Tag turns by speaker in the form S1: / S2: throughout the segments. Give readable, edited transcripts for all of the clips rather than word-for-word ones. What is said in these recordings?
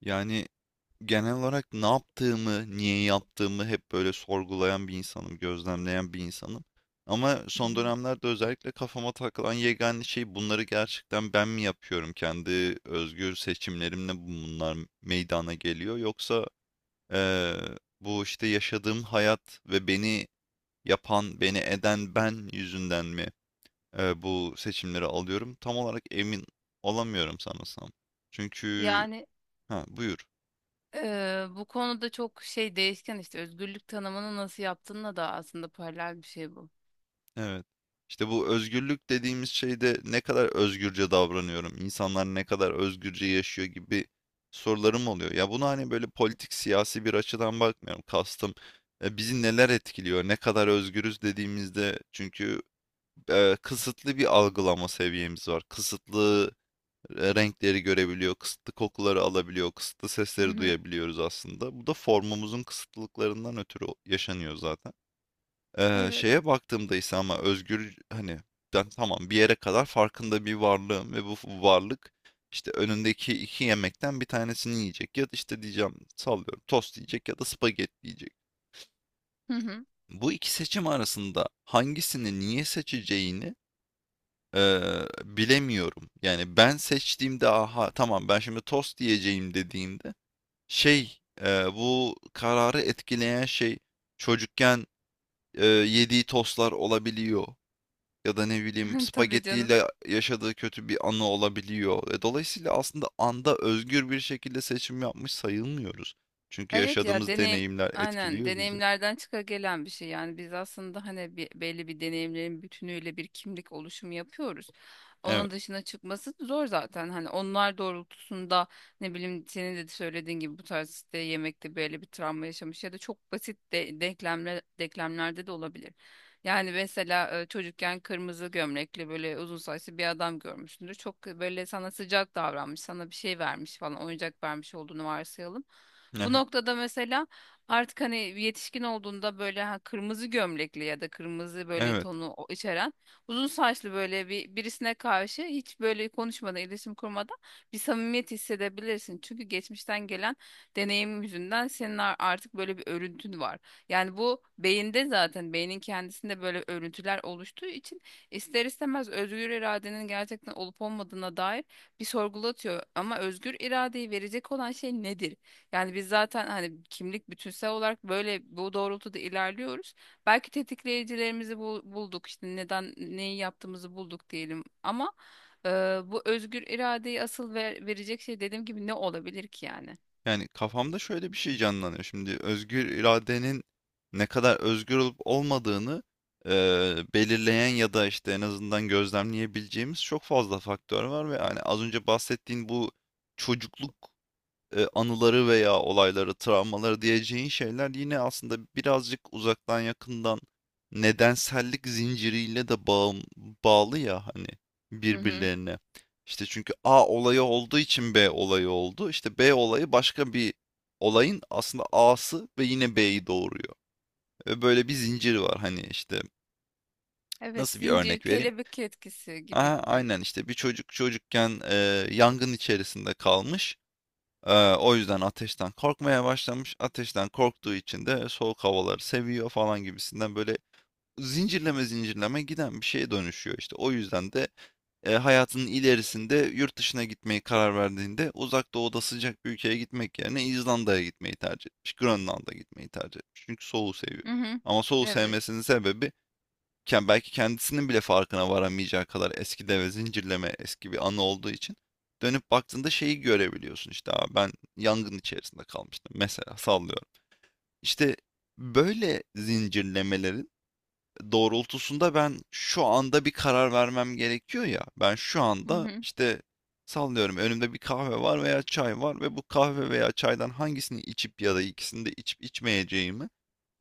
S1: Yani genel olarak ne yaptığımı, niye yaptığımı hep böyle sorgulayan bir insanım, gözlemleyen bir insanım. Ama
S2: Hı
S1: son
S2: hı.
S1: dönemlerde özellikle kafama takılan yegane şey bunları gerçekten ben mi yapıyorum? Kendi özgür seçimlerimle bunlar meydana geliyor. Yoksa eee, bu işte yaşadığım hayat ve beni yapan, beni eden ben yüzünden mi bu seçimleri alıyorum? Tam olarak emin olamıyorum sanırsam. Çünkü
S2: Yani
S1: ha buyur.
S2: Bu konuda çok şey değişken, işte özgürlük tanımını nasıl yaptığınla da aslında paralel bir şey bu.
S1: Evet. İşte bu özgürlük dediğimiz şeyde ne kadar özgürce davranıyorum, insanlar ne kadar özgürce yaşıyor gibi sorularım oluyor. Ya bunu hani böyle politik siyasi bir açıdan bakmıyorum. Kastım bizi neler etkiliyor, ne kadar özgürüz dediğimizde çünkü kısıtlı bir algılama seviyemiz var. Kısıtlı renkleri görebiliyor, kısıtlı kokuları alabiliyor, kısıtlı
S2: Hı
S1: sesleri
S2: hı.
S1: duyabiliyoruz aslında. Bu da formumuzun kısıtlılıklarından ötürü yaşanıyor zaten.
S2: Evet.
S1: Şeye baktığımda ise ama özgür hani ben tamam bir yere kadar farkında bir varlığım ve bu varlık işte önündeki iki yemekten bir tanesini yiyecek ya da işte diyeceğim sallıyorum tost yiyecek ya da spagetti yiyecek.
S2: Hı hı.
S1: Bu iki seçim arasında hangisini niye seçeceğini bilemiyorum. Yani ben seçtiğimde aha tamam ben şimdi tost yiyeceğim dediğimde şey bu kararı etkileyen şey çocukken yediği tostlar olabiliyor. Ya da ne bileyim
S2: Tabii canım.
S1: spagettiyle yaşadığı kötü bir anı olabiliyor. Dolayısıyla aslında anda özgür bir şekilde seçim yapmış sayılmıyoruz. Çünkü
S2: Evet ya,
S1: yaşadığımız
S2: deneyim
S1: deneyimler
S2: aynen
S1: etkiliyor bizi.
S2: deneyimlerden çıka gelen bir şey. Yani biz aslında hani belli bir deneyimlerin bütünüyle bir kimlik oluşumu yapıyoruz.
S1: Evet.
S2: Onun dışına çıkması zor zaten, hani onlar doğrultusunda, ne bileyim, senin de söylediğin gibi bu tarz işte yemekte böyle bir travma yaşamış ya da çok basit de, denklemlerde de olabilir. Yani mesela çocukken kırmızı gömlekli böyle uzun saçlı bir adam görmüşsündür. Çok böyle sana sıcak davranmış, sana bir şey vermiş falan, oyuncak vermiş olduğunu varsayalım. Bu
S1: Aha,
S2: noktada mesela artık hani yetişkin olduğunda böyle, ha, kırmızı gömlekli ya da kırmızı böyle
S1: evet.
S2: tonu içeren uzun saçlı böyle bir birisine karşı hiç böyle konuşmadan, iletişim kurmadan bir samimiyet hissedebilirsin. Çünkü geçmişten gelen deneyim yüzünden senin artık böyle bir örüntün var. Yani bu beyinde, zaten beynin kendisinde böyle örüntüler oluştuğu için ister istemez özgür iradenin gerçekten olup olmadığına dair bir sorgulatıyor. Ama özgür iradeyi verecek olan şey nedir? Yani biz zaten hani kimlik bütünsel olarak böyle bu doğrultuda ilerliyoruz. Belki tetikleyicilerimizi bulduk, işte neden neyi yaptığımızı bulduk diyelim, ama e, bu özgür iradeyi asıl verecek şey, dediğim gibi, ne olabilir ki yani?
S1: Yani kafamda şöyle bir şey canlanıyor. Şimdi özgür iradenin ne kadar özgür olup olmadığını belirleyen ya da işte en azından gözlemleyebileceğimiz çok fazla faktör var ve hani az önce bahsettiğin bu çocukluk anıları veya olayları, travmaları diyeceğin şeyler yine aslında birazcık uzaktan yakından nedensellik zinciriyle de bağlı ya hani
S2: Hı hı.
S1: birbirlerine. İşte çünkü A olayı olduğu için B olayı oldu. İşte B olayı başka bir olayın aslında A'sı ve yine B'yi doğuruyor. Ve böyle bir zincir var hani işte
S2: Evet,
S1: nasıl bir
S2: zincir,
S1: örnek vereyim?
S2: kelebek etkisi gibi
S1: Aha,
S2: gibi.
S1: aynen işte bir çocuk çocukken yangın içerisinde kalmış. O yüzden ateşten korkmaya başlamış. Ateşten korktuğu için de soğuk havaları seviyor falan gibisinden böyle zincirleme zincirleme giden bir şeye dönüşüyor işte. O yüzden de hayatının ilerisinde yurt dışına gitmeyi karar verdiğinde uzak doğuda sıcak bir ülkeye gitmek yerine İzlanda'ya gitmeyi tercih etmiş. Grönland'a gitmeyi tercih etmiş. Çünkü soğuğu seviyor.
S2: Hı hı.
S1: Ama soğuğu
S2: Evet.
S1: sevmesinin sebebi ken belki kendisinin bile farkına varamayacağı kadar eski deve zincirleme eski bir anı olduğu için dönüp baktığında şeyi görebiliyorsun işte, "Aa, ben yangın içerisinde kalmıştım mesela sallıyorum." İşte böyle zincirlemelerin doğrultusunda ben şu anda bir karar vermem gerekiyor ya. Ben şu
S2: Hı
S1: anda
S2: hı.
S1: işte sallıyorum önümde bir kahve var veya çay var ve bu kahve veya çaydan hangisini içip ya da ikisini de içip içmeyeceğimi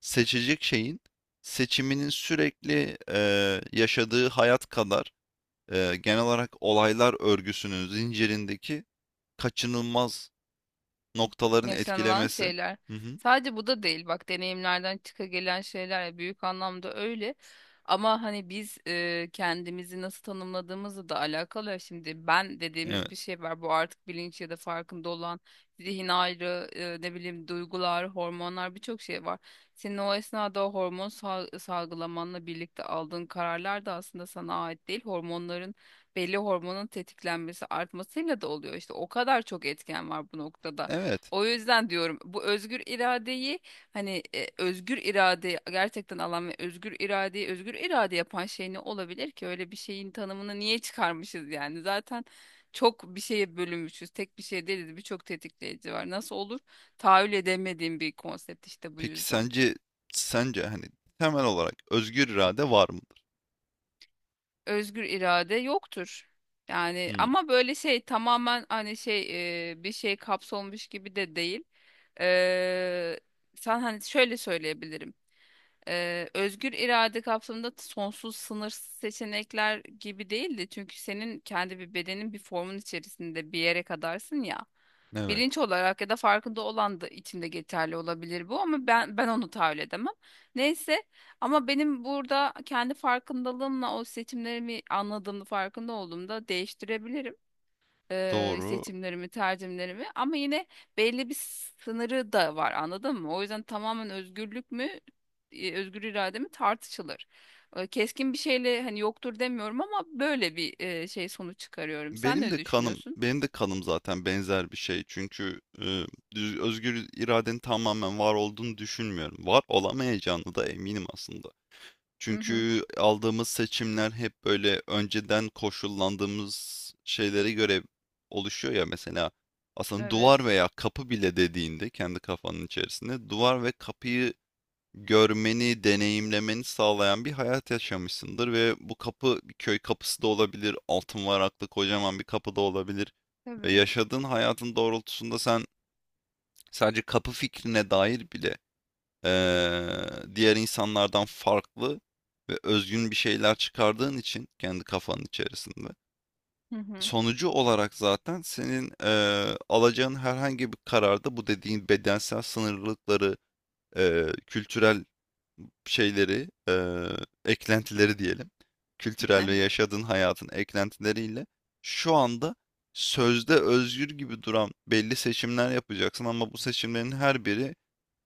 S1: seçecek şeyin seçiminin sürekli yaşadığı hayat kadar genel olarak olaylar örgüsünün zincirindeki kaçınılmaz noktaların
S2: Yaşanılan
S1: etkilemesi.
S2: şeyler.
S1: Hı hı.
S2: Sadece bu da değil bak, deneyimlerden çıka gelen şeyler ya, büyük anlamda öyle. Ama hani biz kendimizi nasıl tanımladığımızla da alakalı ya. Şimdi ben dediğimiz bir
S1: Evet.
S2: şey var. Bu artık bilinç ya da farkında olan zihin ayrı, ne bileyim, duygular, hormonlar, birçok şey var. Senin o esnada o hormon salgılamanla birlikte aldığın kararlar da aslında sana ait değil. Belli hormonun tetiklenmesi, artmasıyla da oluyor. İşte o kadar çok etken var bu noktada.
S1: Evet.
S2: O yüzden diyorum, bu özgür iradeyi, hani özgür iradeyi gerçekten alan ve özgür iradeyi özgür irade yapan şey ne olabilir ki? Öyle bir şeyin tanımını niye çıkarmışız yani? Zaten çok bir şeye bölünmüşüz. Tek bir şey değiliz. Birçok tetikleyici var. Nasıl olur? Tahayyül edemediğim bir konsept işte bu
S1: Peki
S2: yüzden.
S1: sence sence hani temel olarak özgür irade var mıdır?
S2: Özgür irade yoktur. Yani
S1: Hmm,
S2: ama böyle şey, tamamen hani bir şey kapsolmuş gibi de değil. Eee Sen, hani şöyle söyleyebilirim. Özgür irade kapsamında sonsuz sınırsız seçenekler gibi değildi. Çünkü senin kendi bir bedenin, bir formun içerisinde bir yere kadarsın ya.
S1: evet.
S2: Bilinç olarak ya da farkında olan da içinde geçerli olabilir bu, ama ben onu tahayyül edemem. Neyse, ama benim burada kendi farkındalığımla o seçimlerimi anladığımda, farkında olduğumda değiştirebilirim
S1: Doğru.
S2: seçimlerimi, tercihlerimi, ama yine belli bir sınırı da var, anladın mı? O yüzden tamamen özgürlük mü, özgür irade mi, tartışılır. Keskin bir şeyle hani yoktur demiyorum, ama böyle bir şey sonuç çıkarıyorum. Sen
S1: Benim
S2: ne
S1: de kanım,
S2: düşünüyorsun?
S1: benim de kanım zaten benzer bir şey. Çünkü özgür iradenin tamamen var olduğunu düşünmüyorum. Var olamayacağını da eminim aslında.
S2: Hı hı.
S1: Çünkü aldığımız seçimler hep böyle önceden koşullandığımız şeylere göre oluşuyor ya mesela aslında duvar
S2: Evet.
S1: veya kapı bile dediğinde kendi kafanın içerisinde duvar ve kapıyı görmeni, deneyimlemeni sağlayan bir hayat yaşamışsındır ve bu kapı bir köy kapısı da olabilir, altın varaklı kocaman bir kapı da olabilir ve
S2: Tabii.
S1: yaşadığın hayatın doğrultusunda sen sadece kapı fikrine dair bile diğer insanlardan farklı ve özgün bir şeyler çıkardığın için kendi kafanın içerisinde.
S2: Hı hı.
S1: Sonucu olarak zaten senin alacağın herhangi bir kararda bu dediğin bedensel sınırlılıkları, kültürel şeyleri, eklentileri diyelim, kültürel ve
S2: Evet.
S1: yaşadığın hayatın eklentileriyle şu anda sözde özgür gibi duran belli seçimler yapacaksın ama bu seçimlerin her biri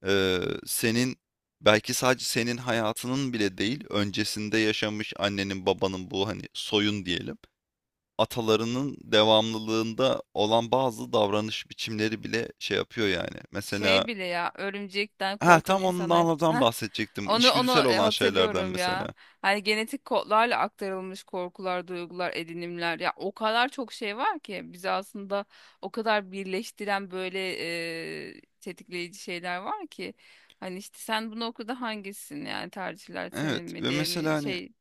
S1: Eee, senin belki sadece senin hayatının bile değil, öncesinde yaşamış annenin, babanın bu hani soyun diyelim, atalarının devamlılığında olan bazı davranış biçimleri bile şey yapıyor yani. Mesela
S2: Şey bile ya, örümcekten
S1: ha
S2: korkan
S1: tam
S2: insanlar.
S1: ondan
S2: Heh,
S1: bahsedecektim.
S2: onu
S1: İçgüdüsel
S2: onu
S1: olan şeylerden
S2: hatırlıyorum ya.
S1: mesela.
S2: Hani genetik kodlarla aktarılmış korkular, duygular, edinimler ya, o kadar çok şey var ki bizi aslında o kadar birleştiren böyle tetikleyici şeyler var ki, hani işte sen bunu okuda hangisin, yani tercihler senin
S1: Evet
S2: mi
S1: ve
S2: diye
S1: mesela
S2: mi
S1: hani
S2: şey.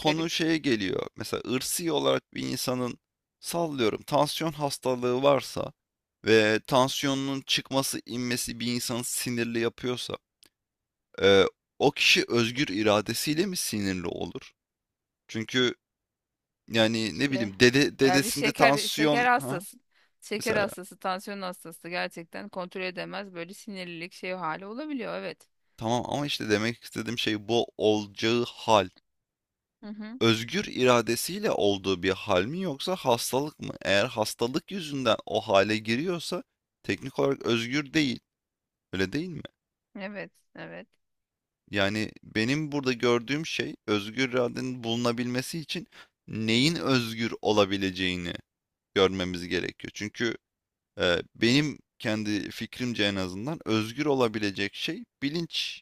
S2: Garip.
S1: şeye geliyor. Mesela ırsi olarak bir insanın sallıyorum tansiyon hastalığı varsa ve tansiyonunun çıkması inmesi bir insanı sinirli yapıyorsa Eee, o kişi özgür iradesiyle mi sinirli olur? Çünkü, yani, ne
S2: İşte
S1: bileyim, dede
S2: ya bir
S1: dedesinde
S2: şeker
S1: tansiyon ha?
S2: hastası. Şeker
S1: Mesela.
S2: hastası, tansiyon hastası gerçekten kontrol edemez, böyle sinirlilik şey hali olabiliyor, evet.
S1: Tamam ama işte demek istediğim şey bu olacağı hal.
S2: Hı hı.
S1: Özgür iradesiyle olduğu bir hal mi yoksa hastalık mı? Eğer hastalık yüzünden o hale giriyorsa teknik olarak özgür değil. Öyle değil mi?
S2: Evet, evet.
S1: Yani, benim burada gördüğüm şey özgür iradenin bulunabilmesi için neyin özgür olabileceğini görmemiz gerekiyor. Çünkü benim kendi fikrimce en azından özgür olabilecek şey bilinç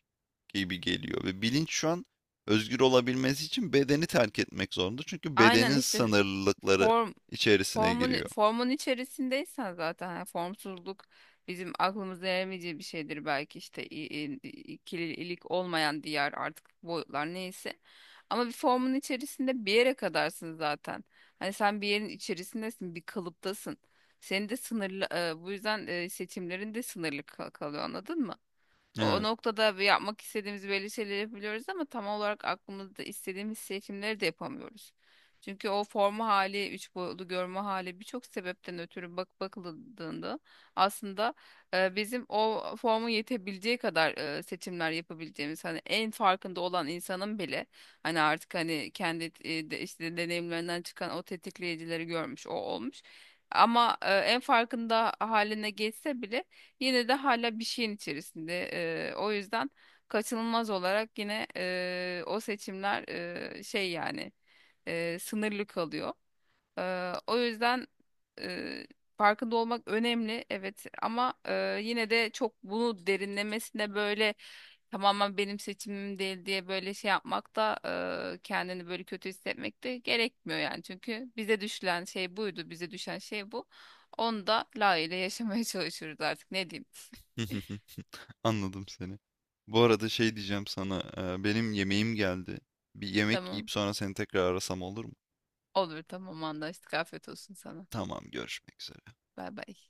S1: gibi geliyor ve bilinç şu an özgür olabilmesi için bedeni terk etmek zorunda. Çünkü
S2: Aynen
S1: bedenin
S2: işte.
S1: sınırlılıkları
S2: Form
S1: içerisine
S2: formun
S1: giriyor.
S2: formun içerisindeysen, zaten yani formsuzluk bizim aklımıza eremeyeceği bir şeydir belki, işte ikililik olmayan diğer artık boyutlar neyse. Ama bir formun içerisinde bir yere kadarsın zaten. Hani sen bir yerin içerisindesin, bir kalıptasın. Senin de sınırlı bu yüzden seçimlerin de sınırlı kalıyor, anladın mı? O
S1: Evet.
S2: noktada bir yapmak istediğimiz belli şeyleri yapabiliyoruz, ama tam olarak aklımızda istediğimiz seçimleri de yapamıyoruz. Çünkü o forma hali, üç boyutlu görme hali, birçok sebepten ötürü bak bakıldığında aslında bizim o forma yetebileceği kadar seçimler yapabileceğimiz, hani en farkında olan insanın bile hani artık hani kendi işte deneyimlerinden çıkan o tetikleyicileri görmüş, o olmuş. Ama en farkında haline geçse bile yine de hala bir şeyin içerisinde. O yüzden kaçınılmaz olarak yine o seçimler sınırlı kalıyor. O yüzden e, farkında olmak önemli, evet, ama yine de çok bunu derinlemesine böyle tamamen benim seçimim değil diye böyle şey yapmak da, kendini böyle kötü hissetmek de gerekmiyor yani. Çünkü bize düşen şey buydu, bize düşen şey bu. Onu da layığıyla yaşamaya çalışıyoruz artık, ne diyeyim.
S1: Anladım seni. Bu arada şey diyeceğim sana, benim yemeğim geldi. Bir yemek
S2: Tamam,
S1: yiyip sonra seni tekrar arasam olur mu?
S2: olur, tamam, anlaştık, afiyet olsun sana.
S1: Tamam, görüşmek üzere.
S2: Bay bay.